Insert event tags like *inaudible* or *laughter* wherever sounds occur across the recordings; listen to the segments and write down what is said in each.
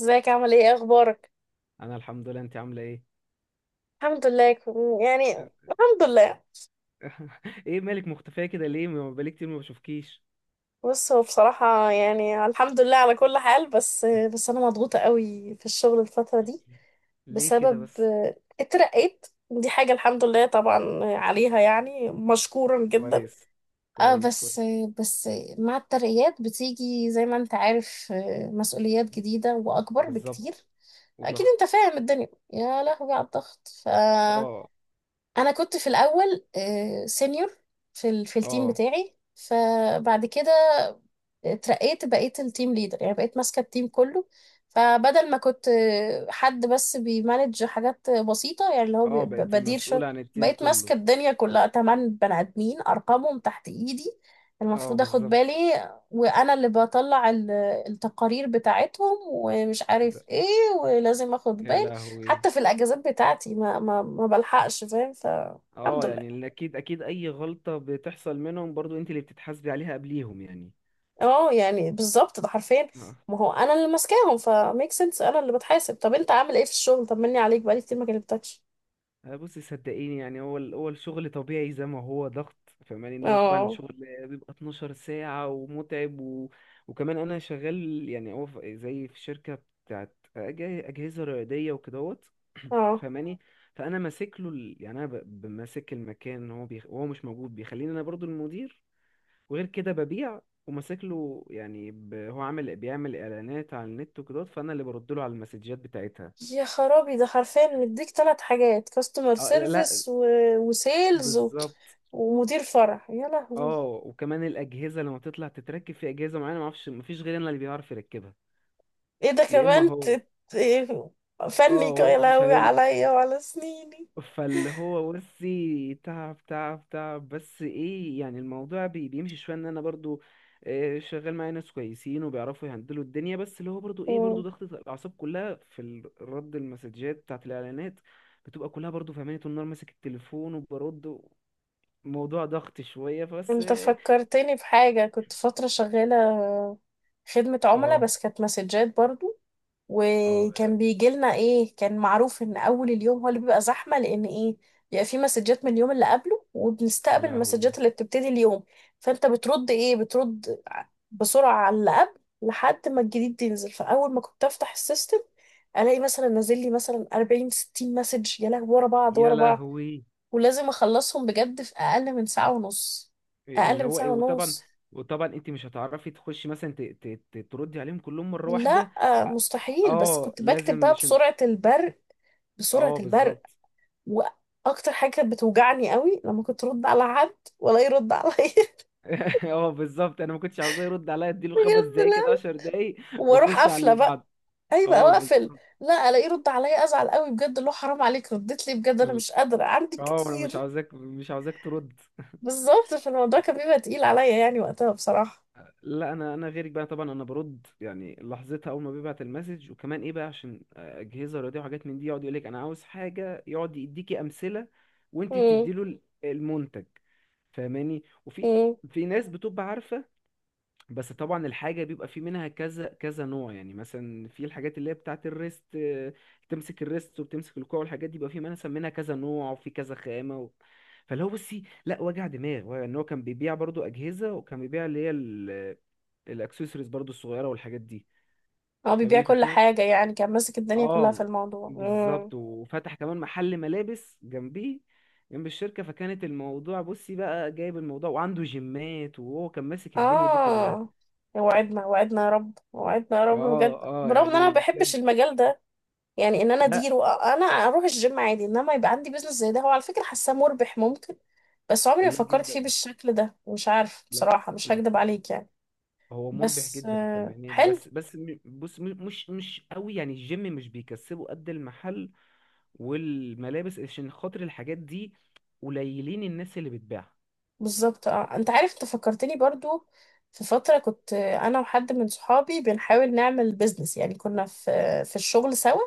ازيك؟ عامل ايه؟ ايه اخبارك؟ انا الحمد لله. انت عامله ايه؟ الحمد لله يعني الحمد لله. *laughs* ايه مالك مختفيه كده؟ ليه ما بقالي كتير ما بشوفكيش؟ بص، هو بصراحة يعني الحمد لله على كل حال، بس *laughs* بس انا مضغوطة قوي في الشغل الفترة دي. ليه كده بسبب بس؟ اترقيت، دي حاجة الحمد لله طبعا عليها يعني مشكورا جدا. كويس. اه، كويس بس كويس بس مع الترقيات بتيجي زي ما انت عارف، مسؤوليات جديدة واكبر بكتير. بالظبط، اكيد وضغط. انت فاهم الدنيا، يا لهوي على الضغط. ف اه. انا كنت في الاول سينيور في التيم اه. بتاعي، فبعد كده اترقيت، بقيت التيم ليدر، يعني بقيت ماسكة التيم كله. فبدل ما كنت حد بس بيمانج حاجات بسيطة يعني، اللي هو اه، بقيتي بدير شغل، مسؤوله عن التيم بقيت كله. ماسكة الدنيا كلها، 8 بني آدمين أرقامهم تحت إيدي، اه المفروض أخد بالظبط. بالي. وأنا اللي بطلع التقارير بتاعتهم ومش ب- عارف إيه، ولازم أخد يا بالي لهوي. حتى في الأجازات بتاعتي، ما بلحقش فاهم، فالحمد اه لله. يعني اكيد، اكيد، اي غلطه بتحصل منهم برضو انت اللي بتتحاسبي عليها قبليهم يعني. اه يعني بالظبط، ده حرفيا، ما هو انا اللي ماسكاهم، فميك سنس انا اللي بتحاسب. طب انت عامل ايه في الشغل؟ طمني عليك، بقالي كتير ما كلمتكش. بصي صدقيني، يعني هو الشغل طبيعي زي ما هو ضغط. فاهماني، ان هو طبعا اه، الشغل بيبقى 12 ساعة ومتعب وكمان انا شغال. يعني هو زي في شركة بتاعت أجهزة رياضية وكدهوت. *clears throat* اه. فاهماني. فانا ماسك له ال... يعني انا ب... ب- ماسك المكان. وهو مش موجود، بيخليني انا برضو المدير. وغير كده ببيع وماسك له. هو عامل، بيعمل اعلانات على النت وكدهوت، فانا اللي برد له على المسجات بتاعتها. يا خرابي، ده حرفيا مديك 3 حاجات: كاستمر اه، لا. سيرفيس وسيلز بالظبط. ومدير فرع، يا اه، لهوي. وكمان الاجهزه لما بتطلع تتركب في اجهزه معينه، ما اعرفش ما فيش غيرنا اللي بيعرف يركبها. ايه ده يا اما كمان؟ هو. إيه؟ اه، فني يا هو مش لهوي هيروح. عليا وعلى سنيني. فاللي هو بصي، تعب تعب تعب، بس ايه يعني الموضوع بيمشي شويه ان انا برضو شغال معايا ناس كويسين وبيعرفوا يهندلوا الدنيا. بس اللي هو برضو ايه، برضو مم. ضغطة الاعصاب كلها في رد المسجات بتاعت الاعلانات بتبقى كلها برضو. فاهماني، طول النهار ماسك التليفون وبرد. موضوع ضغط شويه فبس. انت فكرتني بحاجة، كنت فترة شغالة خدمة عملاء اه. بس كانت مسجات برضو. اه. وكان بيجي لنا ايه، كان معروف ان اول اليوم هو اللي بيبقى زحمه، لان ايه، بيبقى في مسجات من اليوم اللي قبله يا وبنستقبل لهوي. المسجات اللي بتبتدي اليوم. فانت بترد ايه، بترد بسرعه على اللي قبل لحد ما الجديد ينزل. فاول ما كنت افتح السيستم الاقي مثلا نازل لي مثلا 40 60 مسج، يا لهوي، ورا بعض ورا يا بعض. لهوي. ولازم اخلصهم بجد في اقل من ساعة ونص. اقل اللي من هو ساعه ايه. وطبعا، ونص. وطبعا انت مش هتعرفي تخشي مثلا تردي عليهم كلهم مره لا، واحده. ع- مستحيل، بس اه، كنت بكتب لازم بقى عشان. بسرعه البرق. بسرعه اه البرق. بالظبط. واكتر حاجه كانت بتوجعني قوي لما كنت ارد على حد ولا يرد عليا. *laughs* *laughs* اه بالظبط، انا ما كنتش عاوزاه يرد عليا. اديله خمس بجد، دقايق لا، كده، 10 دقايق، واروح واخش على قافله اللي بقى. بعده. ايوه، اه واقفل. بالظبط. لا الاقيه يرد عليا ازعل قوي بجد، اللي هو حرام عليك ردت لي، بجد انا ال- مش قادره، عندي اه، انا كتير. مش عاوزاك، مش عاوزاك ترد. بالظبط، فالموضوع كان بيبقى تقيل عليا يعني وقتها بصراحه. لا انا، انا غيرك بقى طبعا، انا برد يعني لحظتها اول ما بيبعت المسج. وكمان ايه بقى، عشان اجهزه رياضيه وحاجات من دي، يقعد يقول لك انا عاوز حاجه، يقعد يديكي امثله وانت امم. تديله المنتج. فاهماني. امم. في ناس بتبقى عارفه. بس طبعا الحاجه بيبقى في منها كذا كذا نوع. يعني مثلا في الحاجات اللي هي بتاعه الريست، تمسك الريست وبتمسك الكوع والحاجات دي، بيبقى في منها كذا نوع وفي كذا خامه فاللي هو بصي، لا وجع دماغ. ان هو كان بيبيع برضو اجهزه وكان بيبيع اللي هي الاكسسوارز برضو الصغيره والحاجات دي. هو بيبيع فاهماني كل فكانت. حاجه يعني، كان ماسك الدنيا كلها في اه الموضوع. امم. بالظبط، وفتح كمان محل ملابس جنبيه، جنب الشركه. فكانت الموضوع بصي بقى جايب الموضوع، وعنده جيمات، وهو كان ماسك الدنيا دي كلها. اه. وعدنا وعدنا يا رب، وعدنا يا رب بجد، اه. اه برغم ان انا يعني ما بجد. بحبش المجال ده. يعني ان انا لا، اديره انا اروح الجيم عادي، انما يبقى عندي بيزنس زي ده، هو على فكره حاساه مربح ممكن. بس عمري ما لا فكرت فيه جدا. بالشكل ده، مش عارف لا. بصراحه، مش لا، هكدب عليك يعني. هو مربح بس جدا فاهماني. حلو. بس مش مش قوي. يعني الجيم مش بيكسبه قد المحل والملابس، عشان خاطر الحاجات دي قليلين الناس اللي بتبيعها. بالظبط. اه انت عارف، انت فكرتني برضو، في فتره كنت، انا وحد من صحابي بنحاول نعمل بيزنس يعني، كنا في الشغل سوا.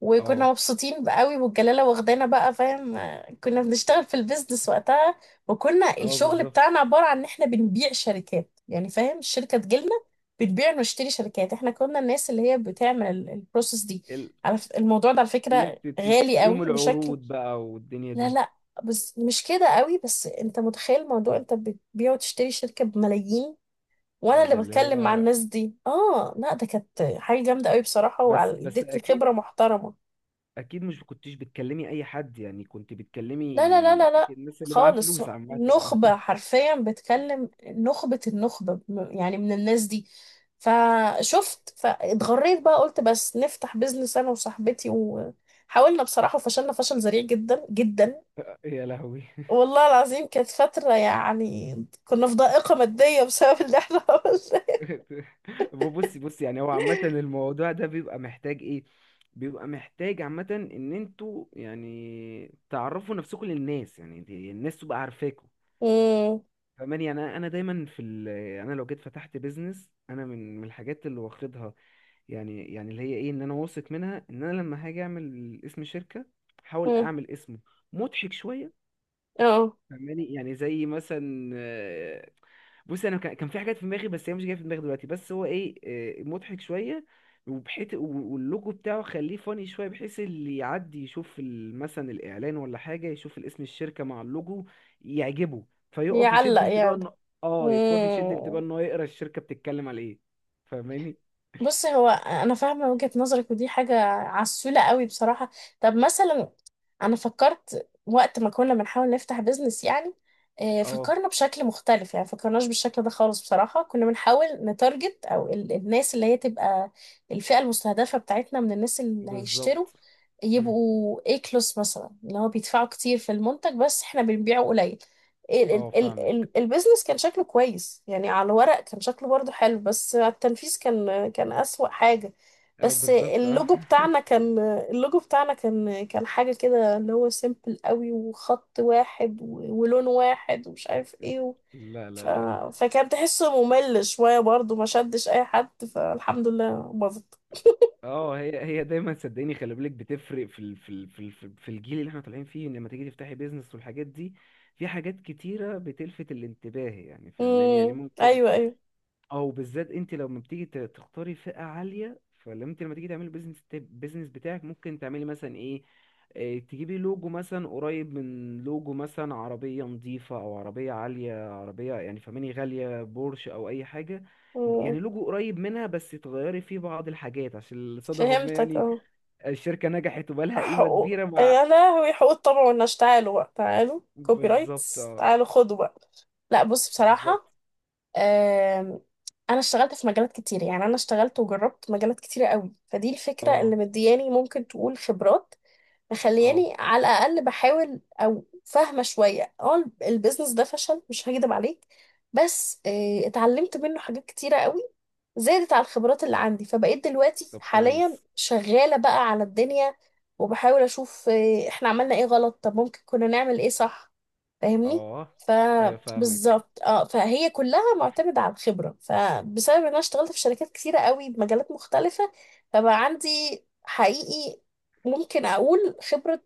وكنا اه. مبسوطين بقى قوي، والجلاله واخدانا بقى فاهم. كنا بنشتغل في البيزنس وقتها. وكنا اه الشغل بالظبط. بتاعنا عباره عن ان احنا بنبيع شركات يعني فاهم، الشركه تجيلنا بتبيع ونشتري شركات. احنا كنا الناس اللي هي بتعمل البروسيس دي. ال- على الموضوع ده على اللي فكره غالي بتديهم قوي بشكل. العروض بقى والدنيا لا دي. لا، بس مش كده قوي، بس انت متخيل موضوع انت بتبيع وتشتري شركه بملايين، وانا اه اللي ده اللي بتكلم مع هو. الناس دي؟ اه لا، ده كانت حاجه جامده قوي بصراحه، بس، بس وادتني اكيد، خبره محترمه. اكيد مش كنتيش بتكلمي اي حد، يعني كنت بتكلمي لا لا لا لا لا، أكيد الناس اللي معاها خالص. فلوس عامة. *laughs* نخبة، حرفيا بتكلم نخبة النخبة، يعني من الناس دي. فشفت فاتغريت بقى، قلت بس نفتح بيزنس انا وصاحبتي، وحاولنا بصراحة وفشلنا فشل ذريع جدا جدا. يا لهوي. والله العظيم كانت فترة يعني، كنا في ضائقة مادية بسبب اللي احنا *laughs* عملناه. *laughs* بصي بصي، يعني هو عامة الموضوع ده بيبقى محتاج ايه، بيبقى محتاج عامة ان انتوا يعني تعرفوا نفسكم للناس. يعني الناس تبقى عارفاكوا. مم، فاهماني يعني انا، أنا دايما في انا لو جيت فتحت بيزنس انا، من الحاجات اللي واخدها، يعني اللي هي ايه، ان انا واثق منها ان انا لما هاجي اعمل اسم شركه، احاول مم، اعمل اسمه مضحك شويه. اه، فاهماني، يعني زي مثلا بص، انا كان في حاجات في دماغي بس هي مش جايه في دماغي دلوقتي. بس هو ايه، مضحك شويه. وبحيث واللوجو بتاعه خليه فاني شويه، بحيث اللي يعدي يشوف مثلا الاعلان ولا حاجه، يشوف الاسم الشركه مع اللوجو يعجبه فيقف يشد يعلق انتباهه يعني. انه. اه، يقف يشد انتباهه مم. ان هو يقرا الشركه بتتكلم على ايه. فاهماني. بص هو انا فاهمه وجهه نظرك، ودي حاجه عسوله قوي بصراحه. طب مثلا، انا فكرت وقت ما كنا بنحاول نفتح بيزنس يعني، اه فكرنا بشكل مختلف يعني، فكرناش بالشكل ده خالص بصراحه. كنا بنحاول نتارجت او الناس اللي هي تبقى الفئه المستهدفه بتاعتنا، من الناس اللي هيشتروا بالظبط. مم. يبقوا A كلاس مثلا، اللي هو بيدفعوا كتير في المنتج بس احنا بنبيعه قليل. اه فاهمك. البيزنس كان شكله كويس يعني، على الورق كان شكله برضو حلو، بس على التنفيذ كان كان أسوأ حاجة. اه بس بالظبط اه. اللوجو بتاعنا *laughs* كان، اللوجو بتاعنا كان حاجة كده اللي هو سيمبل قوي، وخط واحد ولون واحد ومش عارف ايه لا ف... لا لا. فكان تحسه ممل شوية برضو، ما شدش أي حد، فالحمد لله باظت. اه، هي هي دايما صدقيني، خلي بالك، بتفرق في ال في ال في ال في الجيل اللي احنا طالعين فيه، إن لما تيجي تفتحي بيزنس والحاجات دي، في حاجات كتيرة بتلفت الانتباه. يعني فاهماني، يعني امم، ممكن، أيوه أيوه. او بالذات انت لما بتيجي تختاري فئة عالية، فلما انت لما تيجي تعملي بيزنس، بيزنس بتاعك ممكن تعملي مثلا ايه، تجيبي لوجو مثلا قريب من لوجو مثلا عربية نظيفة او عربية عالية، عربية يعني فماني غالية، بورش او اي حاجة. مم. يعني لوجو قريب منها بس تغيري فيه بعض الحاجات عشان صدفة ما فهمتك، يعني اه. الشركة نجحت وبقالها قيمة حقوق كبيرة مع. يا لهوي، حقوق الطبع والنشر، تعالوا بقى، تعالوا كوبي بالظبط رايتس، اه. تعالوا خدوا بقى. لا بص بصراحة، بالظبط. آم، أنا اشتغلت في مجالات كتير يعني، أنا اشتغلت وجربت مجالات كتيرة قوي، فدي الفكرة اه. اللي مدياني ممكن تقول خبرات، اه. مخلياني على الاقل بحاول او فاهمه شويه. اه البيزنس ده فشل، مش هكدب عليك، بس اتعلمت منه حاجات كتيره قوي، زادت على الخبرات اللي عندي. فبقيت دلوقتي طب حاليا كويس. شغاله بقى على الدنيا، وبحاول اشوف احنا عملنا ايه غلط، طب ممكن كنا نعمل ايه صح. فاهمني. اه. ايوه فاهمك. فبالظبط اه، فهي كلها معتمدة على الخبرة، فبسبب ان انا اشتغلت في شركات كتيرة قوي بمجالات مختلفة فبقى عندي حقيقي، ممكن اقول خبرة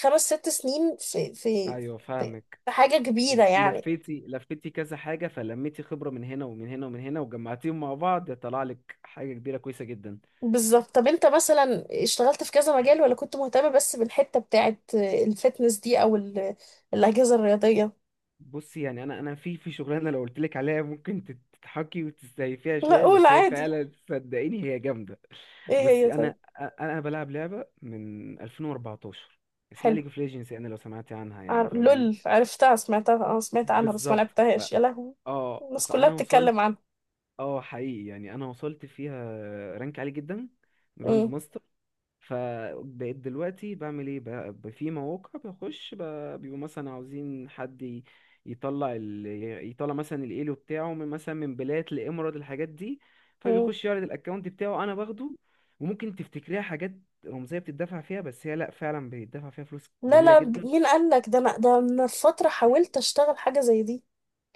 5 6 سنين في في ايوه في فاهمك. في حاجة كبيرة يعني. لفيتي، لفيتي كذا حاجة، فلميتي خبرة من هنا ومن هنا ومن هنا، وجمعتيهم مع بعض طلع لك حاجة كبيرة كويسة جدا. بالظبط. طب انت مثلا اشتغلت في كذا مجال، ولا كنت مهتمة بس بالحتة بتاعت الفتنس دي، او الأجهزة الرياضية؟ بصي يعني انا، انا في في شغلانة لو قلت لك عليها ممكن تضحكي وتستهي فيها لا شوية، قول بس هي عادي، فعلا *laughs* صدقيني هي جامدة. ايه هي بصي انا، طيب؟ انا أنا بلعب لعبة من 2014 اسمها حلو. ليج اوف ليجندز، يعني لو سمعتي عنها يعني فاهماني. لول، عرفتها، سمعتها، اه سمعت عنها بس ما بالظبط ف، لعبتهاش، يا لهوي. اه الناس كلها فانا وصلت. بتتكلم عنها. اه حقيقي، يعني انا وصلت فيها رانك عالي جدا، مم. جراند. فبقيت دلوقتي بعمل ايه بقى، في مواقع بخش، بيبقوا مثلا عاوزين حد يطلع يطلع مثلا الايلو بتاعه من مثلا من بلاد لامارات، الحاجات دي. مم. فبيخش يعرض الاكونت بتاعه، انا باخده. وممكن تفتكريها حاجات رمزيه بتدفع فيها، بس هي لا، فعلا بيدفع فيها فلوس لا جميله لا، جدا. مين قال لك ده؟ انا ده من فترة حاولت اشتغل حاجة زي دي.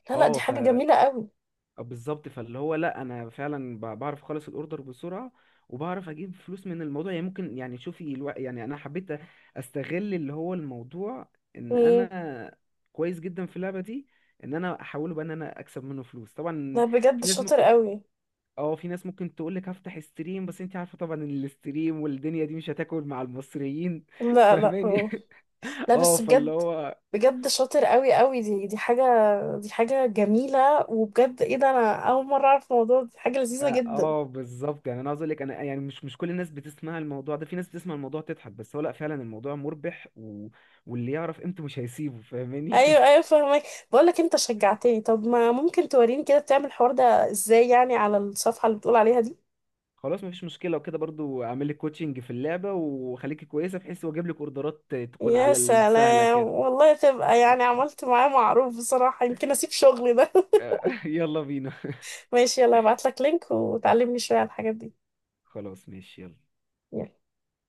لا لا، دي حاجة اه جميلة قوي. بالظبط. فاللي هو لا، انا فعلا بعرف اخلص الاوردر بسرعه وبعرف اجيب فلوس من الموضوع. يعني ممكن، يعني شوفي يعني انا حبيت استغل اللي هو الموضوع ان مم. انا كويس جدا في اللعبه دي، ان انا احوله بقى ان انا اكسب منه فلوس طبعا. لا بجد في ناس شاطر ممكن، قوي. اه في ناس ممكن تقول لك هفتح ستريم، بس انت عارفه طبعا ان الاستريم والدنيا دي مش هتاكل مع المصريين. *laughs* لا لا. فاهماني. مم. *laughs* لا اه بس فاللي بجد، هو، بجد شاطر قوي قوي. دي حاجة، دي حاجة جميلة. وبجد ايه ده، انا اول مرة اعرف الموضوع ده. دي حاجة لذيذة اه جدا. بالظبط. يعني انا عاوز اقول لك، انا يعني مش، مش كل الناس بتسمع الموضوع ده، في ناس بتسمع الموضوع تضحك، بس هو لا، فعلا الموضوع مربح واللي يعرف قيمته مش هيسيبه. فاهماني. ايوه *laughs* ايوه فاهمك. بقول لك انت شجعتني، طب ما ممكن توريني كده بتعمل الحوار ده ازاي يعني، على الصفحة اللي بتقول عليها دي؟ خلاص مفيش مشكله، وكده برضو اعمل لك كوتشنج في اللعبه وخليكي كويسه، بحيث واجيب لك اوردرات تكون يا على السهله سلام كده. والله، تبقى يعني عملت معاه معروف بصراحة، يمكن اسيب شغلي ده. *laughs* *laughs* يلا بينا. ماشي، يلا هبعت لك لينك وتعلمني شوية على الحاجات دي. خلاص ماشي يلا. يلا.